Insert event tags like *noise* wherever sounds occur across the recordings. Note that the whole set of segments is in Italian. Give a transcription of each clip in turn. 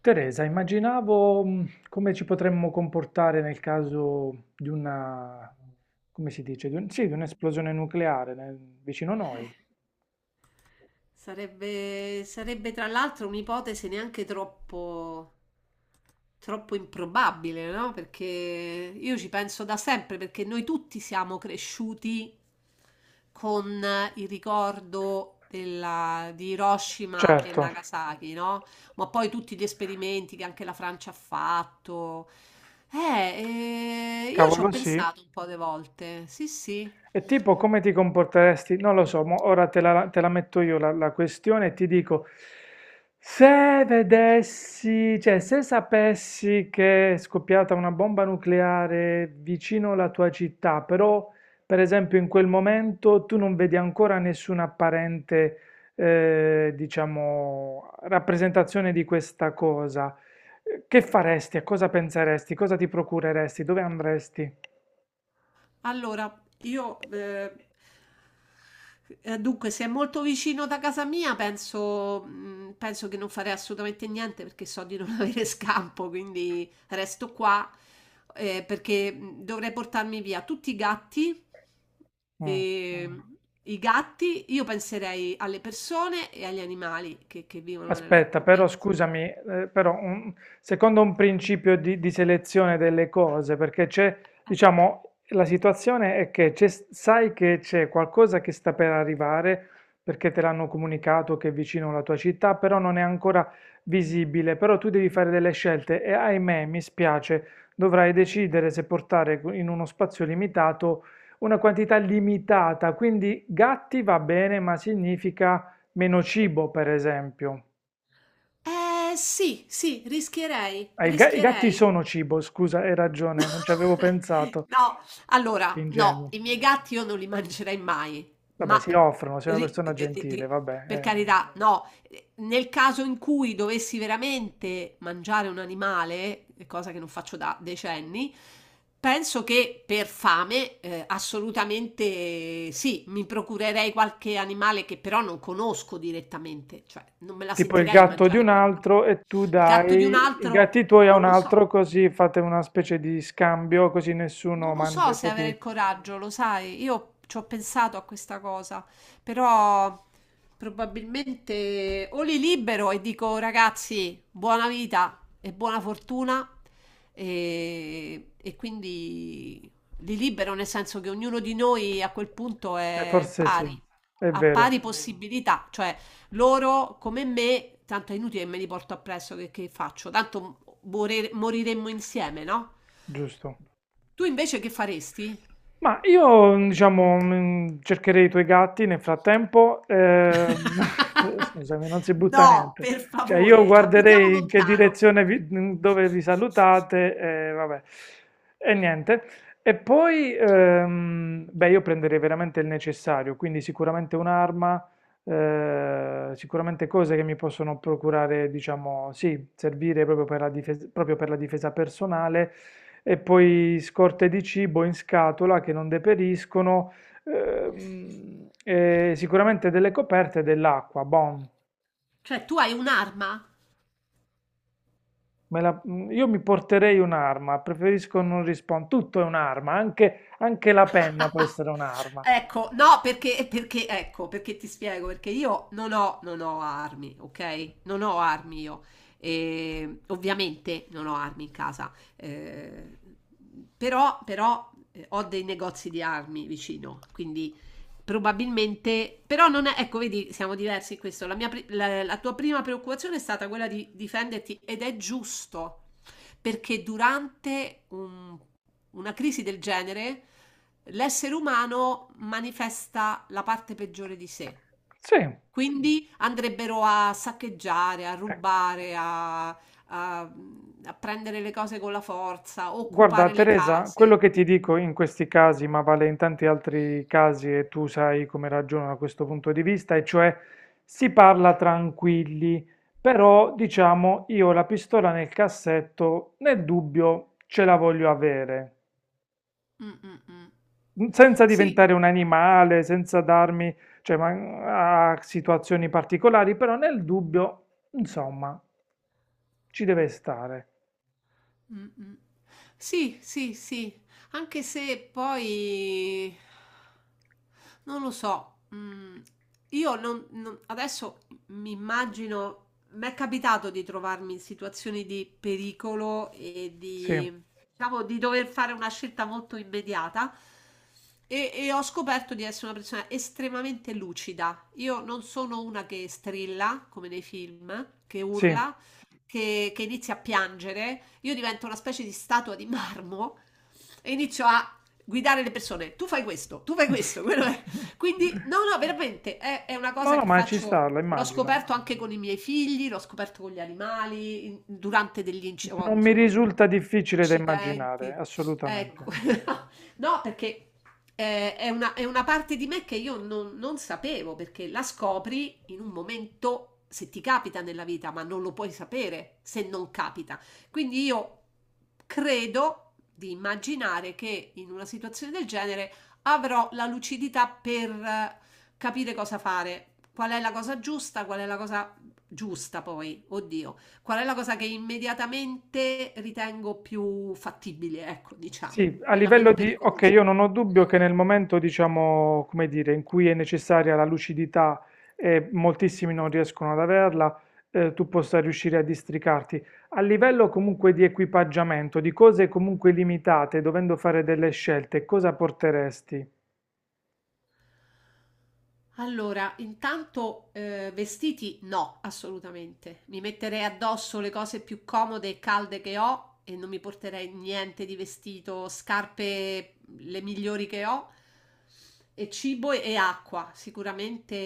Teresa, immaginavo come ci potremmo comportare nel caso di una, come si dice, sì, di un'esplosione nucleare vicino a noi. Sarebbe, sarebbe tra l'altro un'ipotesi neanche troppo improbabile, no? Perché io ci penso da sempre, perché noi tutti siamo cresciuti con il ricordo di Hiroshima e Certo, Nagasaki, no? Ma poi tutti gli esperimenti che anche la Francia ha fatto. Io ci ho cavolo sì, pensato un po' di volte, sì, sì. e tipo come ti comporteresti? Non lo so, mo ora te la metto io la questione e ti dico, se vedessi, cioè se sapessi che è scoppiata una bomba nucleare vicino alla tua città, però per esempio in quel momento tu non vedi ancora nessuna apparente, diciamo, rappresentazione di questa cosa, che faresti? A cosa penseresti? Cosa ti procureresti? Dove andresti? Allora, io dunque, se è molto vicino da casa mia, penso, penso che non farei assolutamente niente perché so di non *laughs* avere scampo, quindi resto qua perché dovrei portarmi via tutti i gatti. E, Mm. Mm. mh, I gatti, io penserei alle persone e agli animali che vivono Aspetta, con però me. scusami, però, secondo un principio di selezione delle cose, perché c'è, diciamo, la situazione è che sai che c'è qualcosa che sta per arrivare, perché te l'hanno comunicato che è vicino alla tua città, però non è ancora visibile, però tu devi fare delle scelte e ahimè, mi spiace, dovrai decidere se portare in uno spazio limitato una quantità limitata, quindi gatti va bene, ma significa meno cibo, per esempio. Eh sì, sì, Ah, i gatti rischierei. sono cibo, scusa, hai ragione, non ci avevo *laughs* pensato, No, che allora, no, ingenuo. i miei gatti io non li mangerei mai, Vabbè, ma si offrono, sei eh, una ri- persona eh, eh, gentile, eh, vabbè, per eh. carità, no, nel caso in cui dovessi veramente mangiare un animale, cosa che non faccio da decenni, penso che per fame assolutamente sì, mi procurerei qualche animale che però non conosco direttamente, cioè non me la Tipo il sentirei di gatto di mangiare i un miei gatti. altro e tu Il gatto di dai un i altro, gatti tuoi a non un lo so. altro, così fate una specie di scambio, così nessuno Non lo mangia so i se avere propri... il coraggio, lo sai, io ci ho pensato a questa cosa, però probabilmente o li libero e dico ragazzi, buona vita e buona fortuna e quindi li libero nel senso che ognuno di noi a quel punto Eh, è forse sì, pari, è ha vero, pari possibilità, cioè loro, come me, tanto è inutile che me li porto appresso, che faccio? Tanto moriremmo insieme, no? giusto. Tu invece che faresti? Ma io, mm, diciamo, mm, cercherei i tuoi gatti nel frattempo. *laughs* *laughs* Scusami, non si butta No, niente. per Cioè, io favore, abitiamo guarderei in che lontano. direzione mm, dove vi salutate, e vabbè, e niente. E poi, beh, io prenderei veramente il necessario, quindi sicuramente un'arma, sicuramente cose che mi possono procurare, diciamo, sì, servire proprio per la difesa, proprio per la difesa personale e poi scorte di cibo in scatola che non deperiscono, e sicuramente delle coperte e dell'acqua. Bon, Cioè, tu hai un'arma? me la- io mi porterei un'arma, preferisco non rispondere. Tutto è un'arma, anche, anche la penna può *laughs* essere un'arma. Ecco, no, ecco, perché ti spiego, perché io non ho armi, ok? Non ho armi io. E ovviamente non ho armi in casa, però ho dei negozi di armi vicino, quindi probabilmente, però non è, ecco, vedi, siamo diversi in questo. La tua prima preoccupazione è stata quella di difenderti ed è giusto perché durante una crisi del genere l'essere umano manifesta la parte peggiore di sé. Sì. Quindi andrebbero a saccheggiare, a rubare, a prendere le cose con la forza, Guarda, occupare le Teresa, quello case. che ti dico in questi casi, ma vale in tanti altri casi e tu sai come ragiono da questo punto di vista, e cioè si parla tranquilli, però diciamo io la pistola nel cassetto, nel dubbio ce la voglio avere. Mm, mm, mm. Mm, senza Sì, diventare un animale, senza darmi, cioè, a situazioni particolari, però nel dubbio, insomma, ci deve stare. mm, mm. Sì, sì, sì, anche se poi non lo so. Io adesso mi immagino, mi è capitato di trovarmi in situazioni di pericolo Sì, diciamo, di dover fare una scelta molto immediata e ho scoperto di essere una persona estremamente lucida. Io non sono una che strilla, come nei film, che sì. urla, che inizia a piangere, io divento una specie di statua di marmo e inizio a guidare le persone. Tu fai questo, tu fai questo. Quello è. *laughs* Quindi, no, no, veramente è una No, cosa no, che ma ci faccio. sta, la L'ho immagino. scoperto anche con i miei figli, l'ho scoperto con gli animali, durante degli incendi, Non mi insomma, ho avuto risulta difficile da immaginare, accidenti. Ecco, assolutamente. *laughs* no, perché è una parte di me che io non sapevo, perché la scopri in un momento, se ti capita nella vita, ma non lo puoi sapere se non capita. Quindi io credo di immaginare che in una situazione del genere avrò la lucidità per capire cosa fare, qual è la cosa giusta, qual è la cosa giusta poi, oddio, qual è la cosa che immediatamente ritengo più fattibile, ecco, Sì, diciamo, a quella livello meno di... Ok, pericolosa. io non ho dubbio che nel momento, diciamo, come dire, in cui è necessaria la lucidità e moltissimi non riescono ad averla, tu possa riuscire a districarti. A livello comunque di equipaggiamento, di cose comunque limitate, dovendo fare delle scelte, cosa porteresti? Allora, intanto, vestiti no, assolutamente. Mi metterei addosso le cose più comode e calde che ho e non mi porterei niente di vestito, scarpe le migliori che ho e cibo e acqua, sicuramente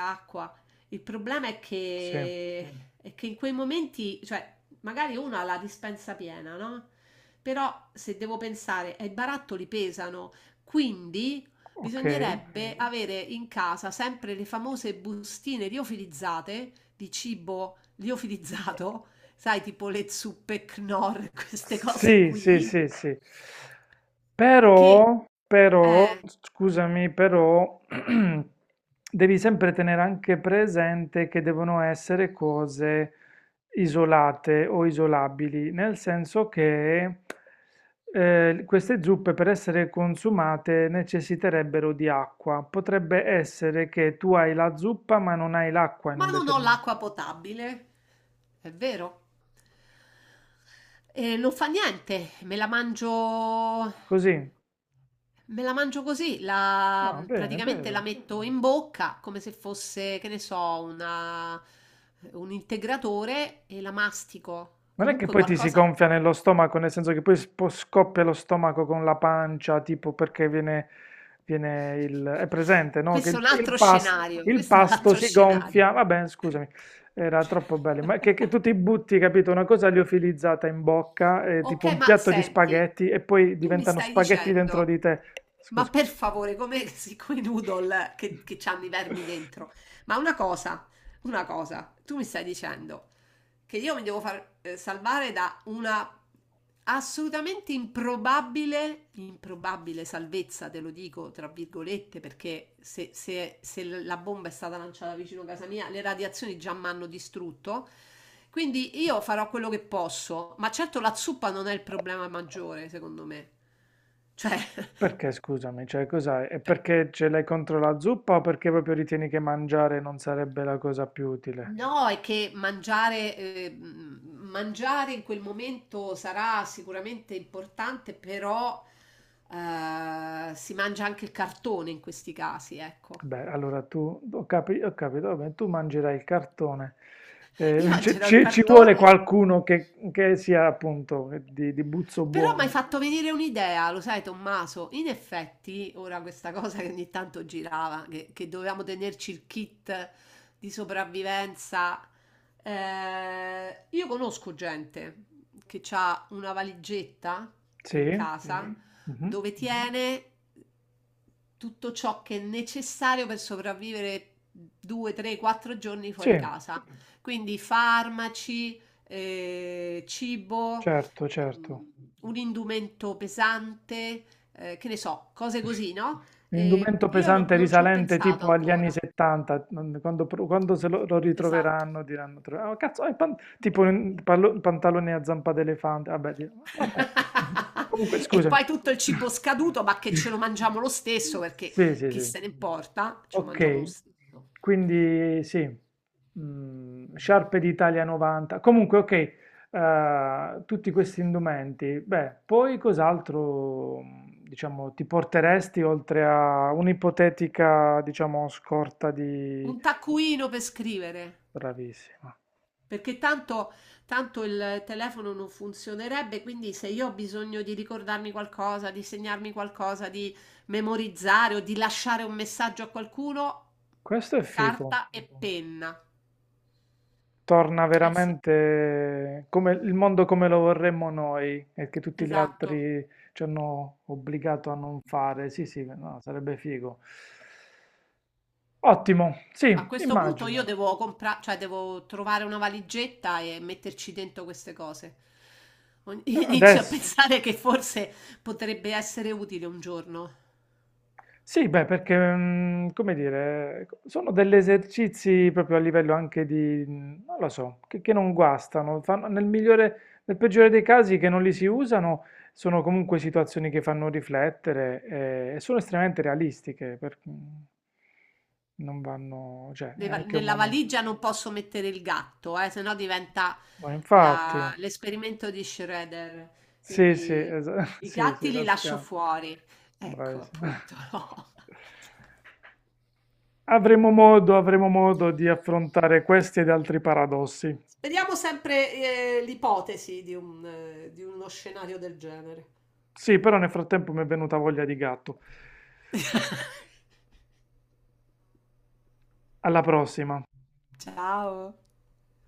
acqua. Il problema Sì, è che in quei momenti, cioè, magari uno ha la dispensa piena, no? Però se devo pensare, i barattoli pesano, quindi ok. bisognerebbe avere in casa sempre le famose bustine liofilizzate di cibo liofilizzato, *laughs* sai, tipo le zuppe Knorr, *laughs* queste cose Sì, sì, qui, sì, sì. che... Però, però, eh, scusami, però, *clears throat* devi sempre tenere anche presente che devono essere cose isolate o isolabili, nel senso che queste zuppe per essere consumate necessiterebbero di acqua. Potrebbe essere che tu hai la zuppa ma non hai l'acqua in ma un non ho determinato... l'acqua potabile, è vero. E non fa niente, me la mangio. Così? Me la mangio così, Ah, bene, praticamente la vero. metto in bocca come se fosse, che ne so, una- un integratore e la mastico. Non è che Comunque poi ti si qualcosa. gonfia nello stomaco, nel senso che poi scoppia lo stomaco con la pancia, tipo perché viene, viene il... È presente, no? Che Questo è un il altro scenario, il questo è un pasto altro si scenario. gonfia. Vabbè, scusami, era troppo bello. Ma che tu ti butti, capito? Una cosa liofilizzata in bocca, tipo Ok, un ma piatto di senti, spaghetti, e poi tu mi diventano stai spaghetti dentro dicendo, di te. ma Scusa. per favore, come siccome i noodle che c'hanno i vermi dentro, ma una cosa, una cosa, tu mi stai dicendo. Che io mi devo far salvare da una improbabile salvezza, te lo dico tra virgolette, perché se la bomba è stata lanciata vicino a casa mia, le radiazioni già mi hanno distrutto. Quindi io farò quello che posso, ma certo la zuppa non è il problema maggiore, secondo me. Cioè, Perché, scusami, cioè cos'hai? È perché ce l'hai contro la zuppa o perché proprio ritieni che mangiare non sarebbe la cosa più utile? no, è che mangiare, mangiare in quel momento sarà sicuramente importante, però si mangia anche il cartone in questi casi, ecco. Beh, allora tu, ho capito, vabbè, tu mangerai il cartone. Io *laughs* mangerò il ci ci vuole cartone. qualcuno che sia appunto di buzzo Però mi hai buono. fatto venire un'idea, lo sai, Tommaso. In effetti, ora questa cosa che ogni tanto girava, che dovevamo tenerci il kit di sopravvivenza. Eh, io conosco gente che ha una valigetta in Sì? casa Mhm. dove tiene tutto ciò che è necessario per sopravvivere due, tre, quattro giorni Sì, fuori casa. Quindi farmaci, cibo, certo, certo. ehm, un indumento pesante, che ne so, cose così, no? L'indumento Io no- pesante non ci ho risalente pensato tipo agli anni ancora. 70, non- quando, quando se lo, lo Esatto. ritroveranno diranno, tro- "Ah, cazzo, è tipo un pantalone a zampa d'elefante, vabbè, di- vabbè. *laughs* *laughs* Comunque, E scusami. poi tutto il cibo *laughs* scaduto, ma che ce lo mangiamo lo stesso perché Sì, sì, chi sì. se ne importa, ce lo mangiamo lo Ok, stesso. quindi sì, mm, sciarpe d'Italia 90. Comunque, ok, tutti questi indumenti. Beh, poi cos'altro, mm, diciamo, ti porteresti oltre a un'ipotetica, diciamo, scorta di... Un taccuino per scrivere. Bravissima. Perché tanto, tanto il telefono non funzionerebbe, quindi se io ho bisogno di ricordarmi qualcosa, di segnarmi qualcosa, di memorizzare o di lasciare un messaggio a qualcuno, Questo è figo. carta e penna. Torna Eh sì. veramente come il mondo come lo vorremmo noi e che tutti gli Esatto. altri ci hanno obbligato a non fare. Sì, sì, no, sarebbe figo. Ottimo, A sì, questo punto io immagino. devo comprare, cioè devo trovare una valigetta e metterci dentro queste cose. *laughs* Inizio a Adesso. pensare che forse potrebbe essere utile un giorno. Sì, beh, perché, mm, come dire, sono degli esercizi proprio a livello anche di, mm, non lo so, che non guastano, fanno- nel migliore, nel peggiore dei casi che non li si usano, sono comunque situazioni che fanno riflettere e sono estremamente realistiche, perché non vanno, cioè, è anche un Nella momento. valigia non posso mettere il gatto, sennò diventa Ma infatti... l'esperimento di Schrödinger. Sì, sì, Quindi esa *laughs* i sì, sì, gatti li lascio Toscana. fuori. Ecco, Bravissima. appunto, no. Avremo modo di affrontare questi ed altri paradossi. Speriamo sempre, l'ipotesi di un, di uno scenario del genere. Sì, però nel frattempo mi è venuta voglia di gatto. *laughs* Alla prossima. Ciao.